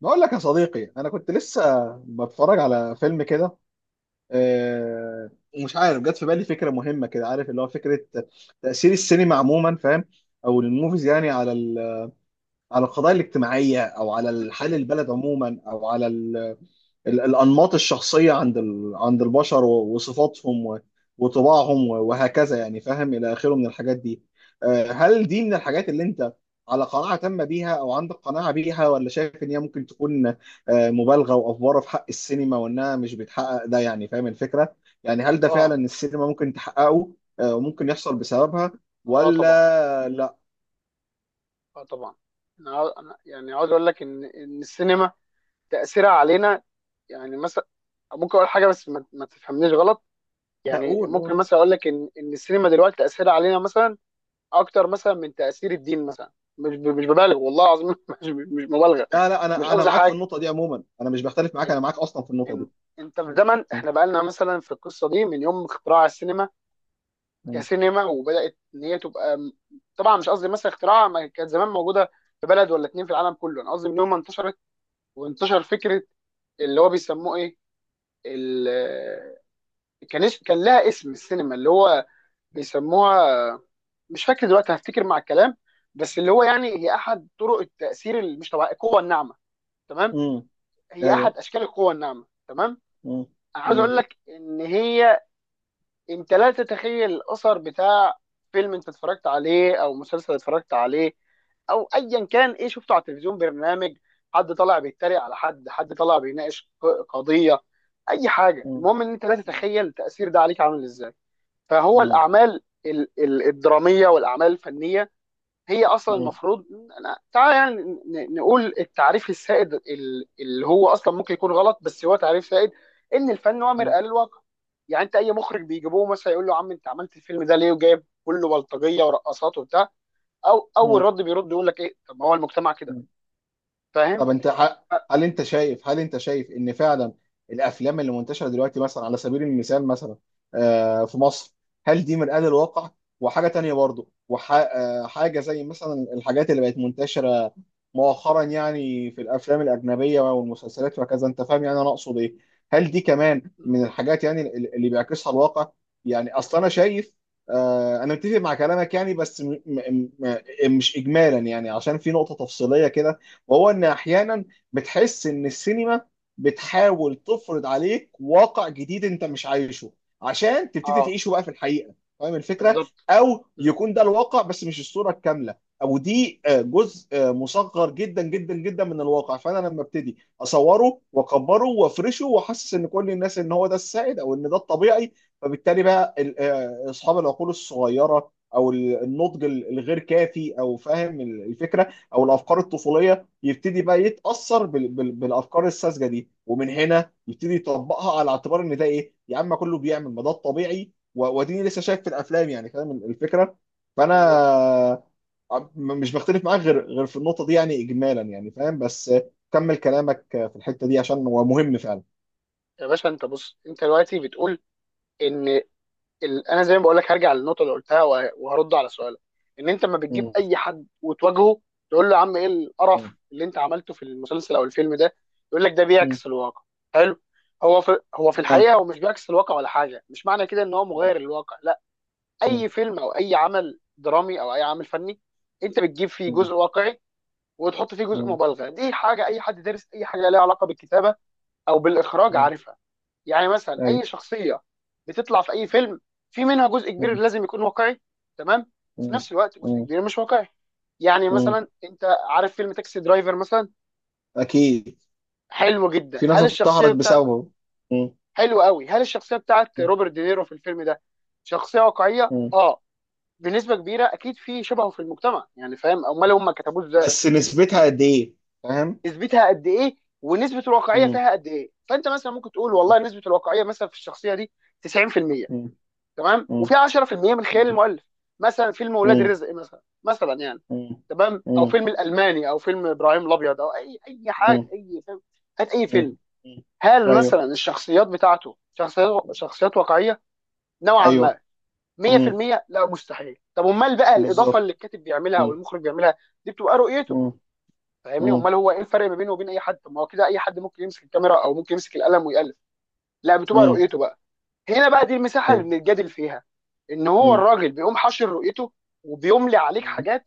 بقول لك يا صديقي، كنت لسه بتفرج على فيلم كده. آه، ومش عارف جت في بالي فكره مهمه كده، عارف؟ اللي هو فكره تاثير السينما عموما، فاهم؟ او الموvies يعني على على القضايا الاجتماعيه، او على حال البلد عموما، او على الأنماط الشخصية عند عند البشر وصفاتهم وطباعهم وهكذا يعني، فاهم؟ إلى آخره من الحاجات دي. هل دي من الحاجات اللي أنت على قناعة تامة بيها، أو عندك قناعة بيها، ولا شايف إن هي ممكن تكون مبالغة وأفوارة في حق السينما، وإنها مش بتحقق ده؟ يعني فاهم الفكرة؟ يعني هل ده فعلا اه، السينما ممكن تحققه وممكن يحصل بسببها اه طبعا، ولا لا؟ اه طبعا. أنا يعني عاوز اقول لك ان السينما تاثيرها علينا. يعني مثلا ممكن اقول حاجه بس ما تفهمنيش غلط. ده يعني قول، ممكن قول. مثلا اقول لك ان السينما دلوقتي تاثيرها علينا مثلا اكتر مثلا من تاثير الدين مثلا. مش ببالغ والله العظيم مش مبالغه. لا لا، مش أنا قصدي معاك في حاجه. النقطة دي عموما، أنا مش بختلف معاك، ال- أنا معاك أصلا في النقطة إن- دي. انت في زمن احنا بقالنا مثلا في القصه دي من يوم اختراع السينما م- كسينما، وبدات ان هي تبقى طبعا مش قصدي مثلا اختراع، ما كانت زمان موجوده في بلد ولا اتنين في العالم كله. انا قصدي ان هم انتشرت، وانتشر فكره اللي هو بيسموه ايه، ال... كان لها اسم السينما اللي هو بيسموها، مش فاكر دلوقتي، هفتكر مع الكلام. بس اللي هو يعني هي احد طرق التاثير اللي مش طبيعي، القوه الناعمه، تمام؟ م- هي احد ايوه. اشكال القوه الناعمه، تمام. مم. انا عايز اقول مم. لك ان هي، انت لا تتخيل الاثر بتاع فيلم انت اتفرجت عليه او مسلسل اتفرجت عليه او ايا كان ايه شفته على التلفزيون، برنامج، حد طالع بيتريق على حد، حد طالع بيناقش قضية، اي حاجة. مم. المهم ان انت لا تتخيل التأثير ده عليك عامل ازاي. فهو مم. الاعمال الدرامية والاعمال الفنية هي اصلا مم. المفروض، تعالى يعني نقول التعريف السائد اللي هو اصلا ممكن يكون غلط بس هو تعريف سائد، ان الفن هو مرآة للواقع. يعني انت اي مخرج بيجيبوه مثلا يقول له يا عم انت عملت الفيلم ده ليه وجايب كله بلطجيه ورقصات وبتاع، او اول مم. رد بيرد يقول لك ايه، طب ما هو المجتمع كده. مم. فاهم؟ طب ف- هل انت شايف ان فعلا الافلام اللي منتشره دلوقتي، مثلا على سبيل المثال، مثلا في مصر، هل دي مرآة للواقع؟ وحاجه تانية برضو، وحاجه زي مثلا الحاجات اللي بقت منتشره مؤخرا يعني في الافلام الاجنبيه والمسلسلات وكذا، انت فاهم يعني انا اقصد ايه؟ هل دي كمان م. من الحاجات يعني اللي بيعكسها الواقع؟ يعني اصلا انا شايف انا متفق مع كلامك يعني، بس م م م مش اجمالا يعني، عشان في نقطه تفصيليه كده، وهو ان احيانا بتحس ان السينما بتحاول تفرض عليك واقع جديد انت مش عايشه، عشان تبتدي اه، تعيشه بقى في الحقيقه. فاهم الفكره؟ بالظبط. او م. يكون ده الواقع بس مش الصوره الكامله، او دي جزء مصغر جدا جدا جدا من الواقع، فانا لما ابتدي اصوره واكبره وافرشه واحسس ان كل الناس ان هو ده السائد او ان ده الطبيعي، فبالتالي بقى اصحاب العقول الصغيره، او النضج الغير كافي، او فاهم الفكره، او الافكار الطفوليه، يبتدي بقى يتأثر بالأفكار الساذجة دي، ومن هنا يبتدي يطبقها على اعتبار إن ده إيه، يا عم كله بيعمل، ما ده الطبيعي واديني لسه شايف في الأفلام، يعني فاهم الفكرة؟ بالظبط. فأنا مش بختلف معاك غير في النقطة دي يعني، إجمالا يعني فاهم، بس كمل كلامك في الحتة دي عشان هو مهم فعلا. يا باشا انت بص، انت دلوقتي بتقول ان انا زي ما بقول لك هرجع للنقطه اللي قلتها وهرد على سؤالك. ان انت ما بتجيب مم. اي حد وتواجهه تقول له يا عم ايه القرف مم. اللي انت عملته في المسلسل او الفيلم ده، يقول لك ده مم. بيعكس الواقع. حلو. هو في تمام. الحقيقه هو مش بيعكس الواقع ولا حاجه. مش معنى كده ان هو مغير الواقع، لا. مم. اي فيلم او اي عمل درامي او اي عمل فني، انت بتجيب فيه مم. جزء واقعي وتحط فيه جزء مم. مبالغه. دي حاجه اي حد دارس اي حاجه ليها علاقه بالكتابه او بالاخراج مم. عارفها. يعني مثلا اي أيوه. شخصيه بتطلع في اي فيلم في منها جزء كبير مم. لازم يكون واقعي، تمام، وفي مم. نفس الوقت جزء مم. كبير مش واقعي. يعني مم. مثلا انت عارف فيلم تاكسي درايفر مثلا، أكيد. حلو جدا، في ناس هل الشخصيه انتحرت بتاع، بسببه. مم. حلو قوي، هل الشخصيه بتاعت روبرت دينيرو في الفيلم ده شخصيه واقعيه؟ مم. اه، بنسبه كبيره اكيد، في شبهه في المجتمع يعني، فاهم؟ امال هم كتبوه ازاي؟ بس نسبتها قد ايه؟ فاهم. نسبتها قد ايه، ونسبه الواقعيه مم. فيها قد ايه؟ فانت مثلا ممكن تقول مم. والله نسبه الواقعيه مثلا في الشخصيه دي 90%، مم. تمام، مم. وفي 10% من خيال مم. المؤلف. مثلا فيلم ولاد رزق مثلا يعني، مم. تمام، او مم. فيلم الالماني او فيلم ابراهيم الابيض، او اي حاجه، مم. اي فيلم، هات اي فيلم، مم. هل مثلا ايوه. الشخصيات بتاعته شخصيات واقعيه نوعا ايوه. ما؟ مم. 100% لا، مستحيل. طب امال بقى الاضافه بالظبط. اللي الكاتب بيعملها او مم. المخرج بيعملها، دي بتبقى رؤيته، مم. فاهمني؟ مم. امال هو ايه الفرق ما بينه وبين اي حد؟ طب ما هو كده اي حد ممكن يمسك الكاميرا او ممكن يمسك القلم ويالف. لا، بتبقى مم. رؤيته بقى. هنا بقى دي المساحه اللي ايوه. بنتجادل فيها، ان هو مم. الراجل بيقوم حاشر رؤيته وبيملي عليك مم. حاجات،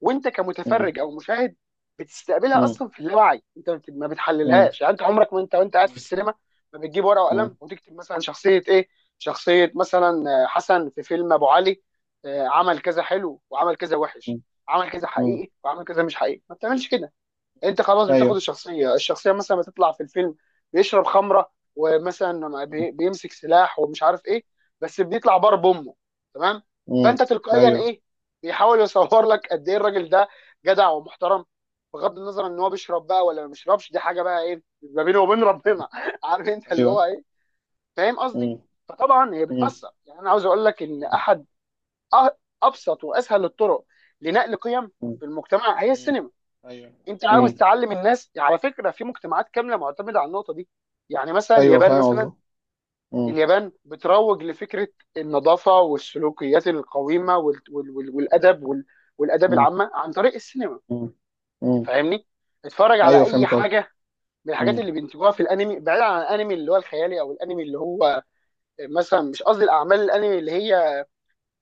وانت مم. كمتفرج او مشاهد بتستقبلها اصلا في اللاوعي. انت ما مم. بتحللهاش، يعني انت عمرك ما انت وانت قاعد في مم. السينما ما بتجيب ورقه وقلم مم. وتكتب مثلا شخصيه ايه، شخصيه مثلا حسن في فيلم ابو علي عمل كذا حلو وعمل كذا وحش، عمل كذا مم. حقيقي وعمل كذا مش حقيقي، ما بتعملش كده. انت خلاص بتاخد ايوه. الشخصيه مثلا ما تطلع في الفيلم بيشرب خمره ومثلا مم. بيمسك سلاح ومش عارف ايه، بس بيطلع بار بامه، تمام؟ مم. فانت تلقائيا ايوه. ايه، بيحاول يصور لك قد ايه الراجل ده جدع ومحترم، بغض النظر ان هو بيشرب بقى ولا ما بيشربش، دي حاجه بقى ايه ما بينه وبين مم. ربنا عارف انت اللي ايوه. هو ايه، فاهم قصدي؟ مم. فطبعا هي مم. بتاثر. يعني انا عاوز اقول لك ان مم. احد أ- ابسط واسهل الطرق لنقل قيم في المجتمع هي مم. السينما. ايوه. انت عاوز مم. تعلم الناس، على فكره، في مجتمعات كامله معتمده على النقطه دي. يعني مثلا ايوه، اليابان فاهم مثلا، قصدك. مم. اليابان بتروج لفكره النظافه والسلوكيات القويمه والادب والاداب مم. العامه عن طريق السينما، مم. فاهمني؟ اتفرج على ايوه، اي فهمت قصدك. حاجه من الحاجات اللي بينتجوها في الانمي، بعيد عن الانمي اللي هو الخيالي او الانمي اللي هو مثلا، مش قصدي الاعمال الانمي اللي هي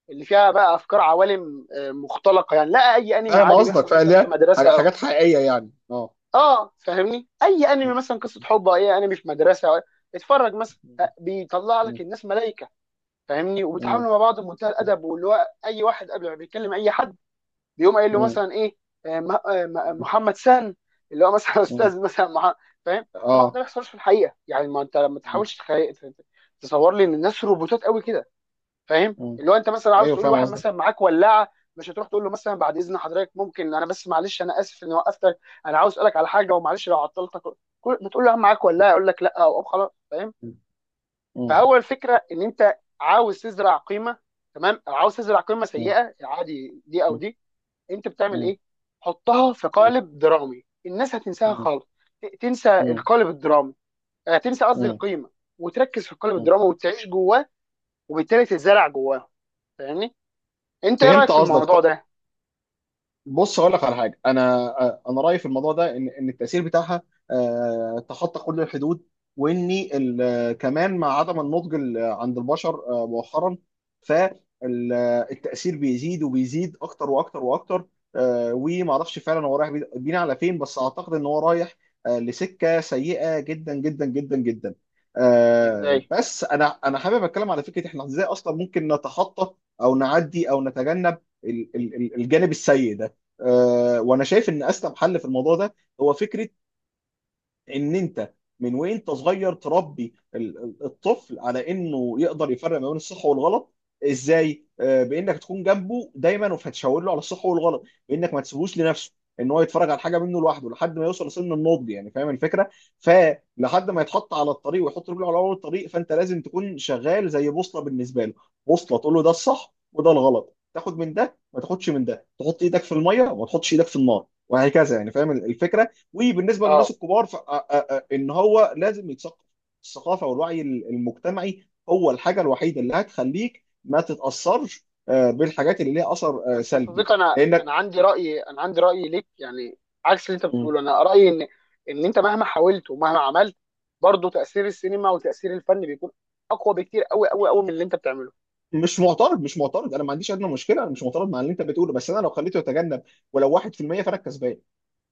اللي فيها بقى افكار عوالم مختلقه يعني، لا، اي انمي فاهم عادي قصدك، بيحصل فاهم. مثلا في ليه؟ مدرسه. حاجات حقيقية يعني، اه. اه فاهمني، اي م- انمي مثلا قصه حب او اي انمي في مدرسه اتفرج مثلا، بيطلع لك م- الناس ملائكه، فاهمني، م- وبيتعاملوا مع بعض بمنتهى الادب، واللي هو اي واحد قبل ما بيتكلم اي حد بيقوم قايل له م- مثلا ايه، م- محمد سان، اللي هو مثلا م- استاذ مثلا فاهم؟ طبعا ده ما اه. بيحصلش في الحقيقه. يعني ما انت ما م- تحاولش تصور لي ان الناس روبوتات قوي كده، فاهم؟ م- اللي هو انت مثلا عاوز ايوه، تقول فاهم لواحد قصدك. مثلا معاك ولاعه، مش هتروح تقول له مثلا بعد اذن حضرتك ممكن، انا بس معلش انا اسف اني وقفتك، انا عاوز اسالك على حاجه ومعلش لو عطلتك. بتقول له معاك ولاعه، يقول لك لا او خلاص، فاهم؟ م- م- فهو الفكره ان انت عاوز تزرع قيمه، تمام، او عاوز تزرع قيمه م- سيئه، عادي، دي او م- دي، انت بتعمل م- ايه؟ حطها في قالب درامي. الناس هتنساها م- خالص، تنسى م- القالب الدرامي، تنسى قصدي م- القيمه وتركز في القالب م- الدرامي وتعيش جواه، وبالتالي تتزرع جواه، فاهمني؟ انت ايه رايك فهمت في الموضوع قصدك. ده؟ بص هقول لك على حاجه. انا رايي في الموضوع ده ان التاثير بتاعها تخطى كل الحدود، وان كمان مع عدم النضج عند البشر مؤخرا، فالتاثير بيزيد وبيزيد اكتر واكتر واكتر. وما اعرفش فعلا هو رايح بينا على فين، بس اعتقد ان هو رايح لسكه سيئه جدا جدا جدا جدا. ازاي؟ بس انا حابب اتكلم على فكره، احنا ازاي اصلا ممكن نتخطى او نعدي او نتجنب الجانب السيء ده؟ وانا شايف ان اسلم حل في الموضوع ده هو فكره ان انت من وانت صغير تربي الطفل على انه يقدر يفرق ما بين الصح والغلط. ازاي؟ بانك تكون جنبه دايما، وهتشاور له على الصح والغلط، بانك ما تسيبوش لنفسه ان هو يتفرج على حاجه منه لوحده لحد ما يوصل لسن النضج، يعني فاهم الفكره؟ فلحد ما يتحط على الطريق ويحط رجله على اول الطريق، فانت لازم تكون شغال زي بوصله بالنسبه له، بوصله تقول له ده الصح وده الغلط، تاخد من ده ما تاخدش من ده، تحط ايدك في الميه وما تحطش ايدك في النار، وهكذا يعني فاهم الفكره. وبالنسبه للناس اه. الكبار ان هو لازم يتثقف. الثقافه والوعي المجتمعي هو الحاجه الوحيده اللي هتخليك ما تتاثرش بالحاجات اللي ليها اثر بس يا سلبي، صديقي انا، انا لانك. عندي راي انا عندي راي ليك يعني، عكس اللي انت مم. بتقوله. انا رايي ان انت مهما حاولت ومهما عملت، برضه تاثير السينما وتاثير الفن بيكون اقوى بكتير، قوي قوي قوي، من اللي انت بتعمله. مش معترض، مش معترض، انا ما عنديش ادنى مشكله، انا مش معترض مع اللي انت بتقوله، بس انا لو خليته يتجنب ولو 1% فانا الكسبان.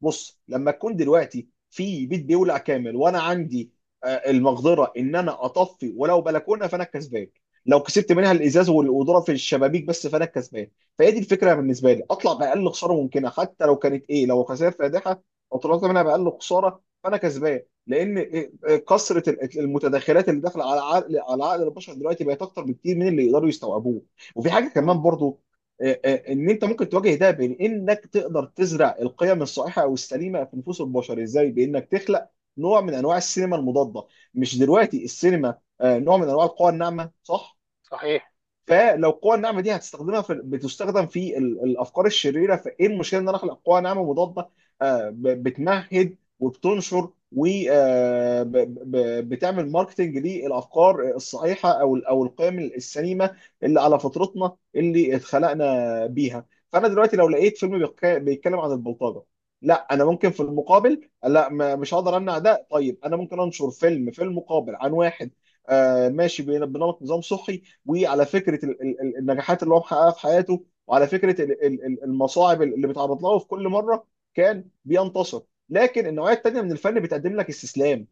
بص، لما تكون دلوقتي في بيت بيولع كامل، وانا عندي المقدره ان انا اطفي ولو بلكونه، فانا الكسبان. لو كسبت منها الازاز والقدره في الشبابيك بس، فانا الكسبان. فهي دي الفكره بالنسبه لي، اطلع باقل خساره ممكنه، حتى لو كانت ايه، لو خسائر فادحه او طلعت منها باقل خساره فانا كسبان. لان إيه، إيه، كثره المتداخلات اللي داخله على عقل، على عقل البشر دلوقتي بقت اكتر بكتير من اللي يقدروا يستوعبوه. وفي حاجه امم كمان برضو، ان انت ممكن تواجه ده، بين انك تقدر تزرع القيم الصحيحه او السليمه في نفوس البشر. ازاي؟ بانك تخلق نوع من انواع السينما المضاده. مش دلوقتي السينما نوع من انواع القوى الناعمه، صح؟ صحيح. فلو القوى الناعمه دي هتستخدمها في، بتستخدم في الافكار الشريره، فايه المشكله ان انا اخلق قوى ناعمه مضاده بتمهد وبتنشر وبتعمل ماركتنج للافكار الصحيحه، او او القيم السليمه اللي على فطرتنا اللي اتخلقنا بيها. فانا دلوقتي لو لقيت فيلم بيتكلم عن البلطجه، لا انا ممكن في المقابل، لا ما- مش هقدر امنع ده، طيب انا ممكن انشر فيلم في المقابل عن واحد ماشي بنمط نظام صحي، وعلى فكره النجاحات اللي هو محققها في حياته، وعلى فكره المصاعب اللي بيتعرض لها، وفي كل مره كان بينتصر. لكن النوعيه الثانيه من الفن بتقدم لك استسلام.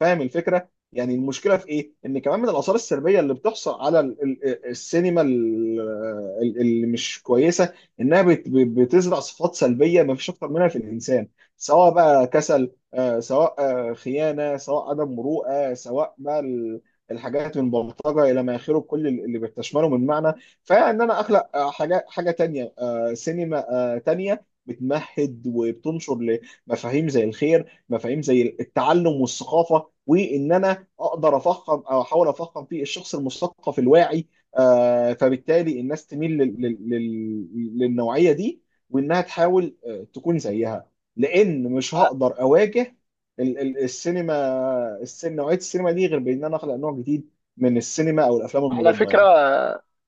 فاهم الفكره؟ يعني المشكله في ايه، ان كمان من الاثار السلبيه اللي بتحصل على السينما اللي مش كويسه، انها بتزرع صفات سلبيه ما فيش اكتر منها في الانسان، سواء بقى كسل، سواء خيانه، سواء عدم مروءه، سواء بقى الحاجات من بلطجه الى ما اخره، كل اللي مم. بتشمله من معنى. فان انا اخلق حاجه تانيه، سينما تانيه بتمهد وبتنشر لمفاهيم زي الخير، مفاهيم زي التعلم والثقافه، وان انا اقدر افخم، او احاول افخم في الشخص المثقف الواعي، فبالتالي الناس تميل للنوعيه دي، وانها تحاول تكون زيها. لان مش ع- هقدر اواجه السينما، نوعيه السينما دي غير بان انا اخلق نوع جديد من السينما او الافلام على المضاده فكره، يعني.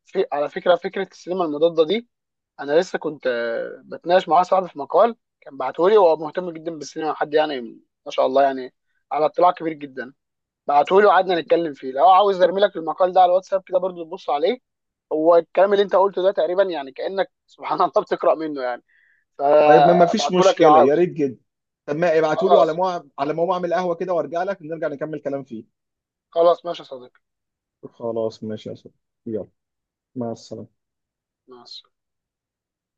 في على فكره، فكره السينما المضاده دي، انا لسه كنت بتناقش مع واحد صاحبي في مقال كان بعته لي، وهو مهتم جدا بالسينما، حد يعني ما شاء الله يعني، على اطلاع كبير جدا. بعتهولي وقعدنا نتكلم فيه. لو عاوز ارمي لك المقال ده على الواتساب كده برضو تبص عليه، هو الكلام اللي انت قلته ده تقريبا يعني، كأنك سبحان الله بتقرأ منه يعني. طيب، ما فيش فابعته لك لو مشكله يا ريت عاوز. جدا. طب ما ابعتوا لي على خلاص، مو، على ما اعمل قهوه كده وارجع لك، نرجع نكمل كلام فيه. خلاص ماشي يا صديقي. خلاص ماشي يا صاحبي، يلا، مع السلامه. مع السلامة.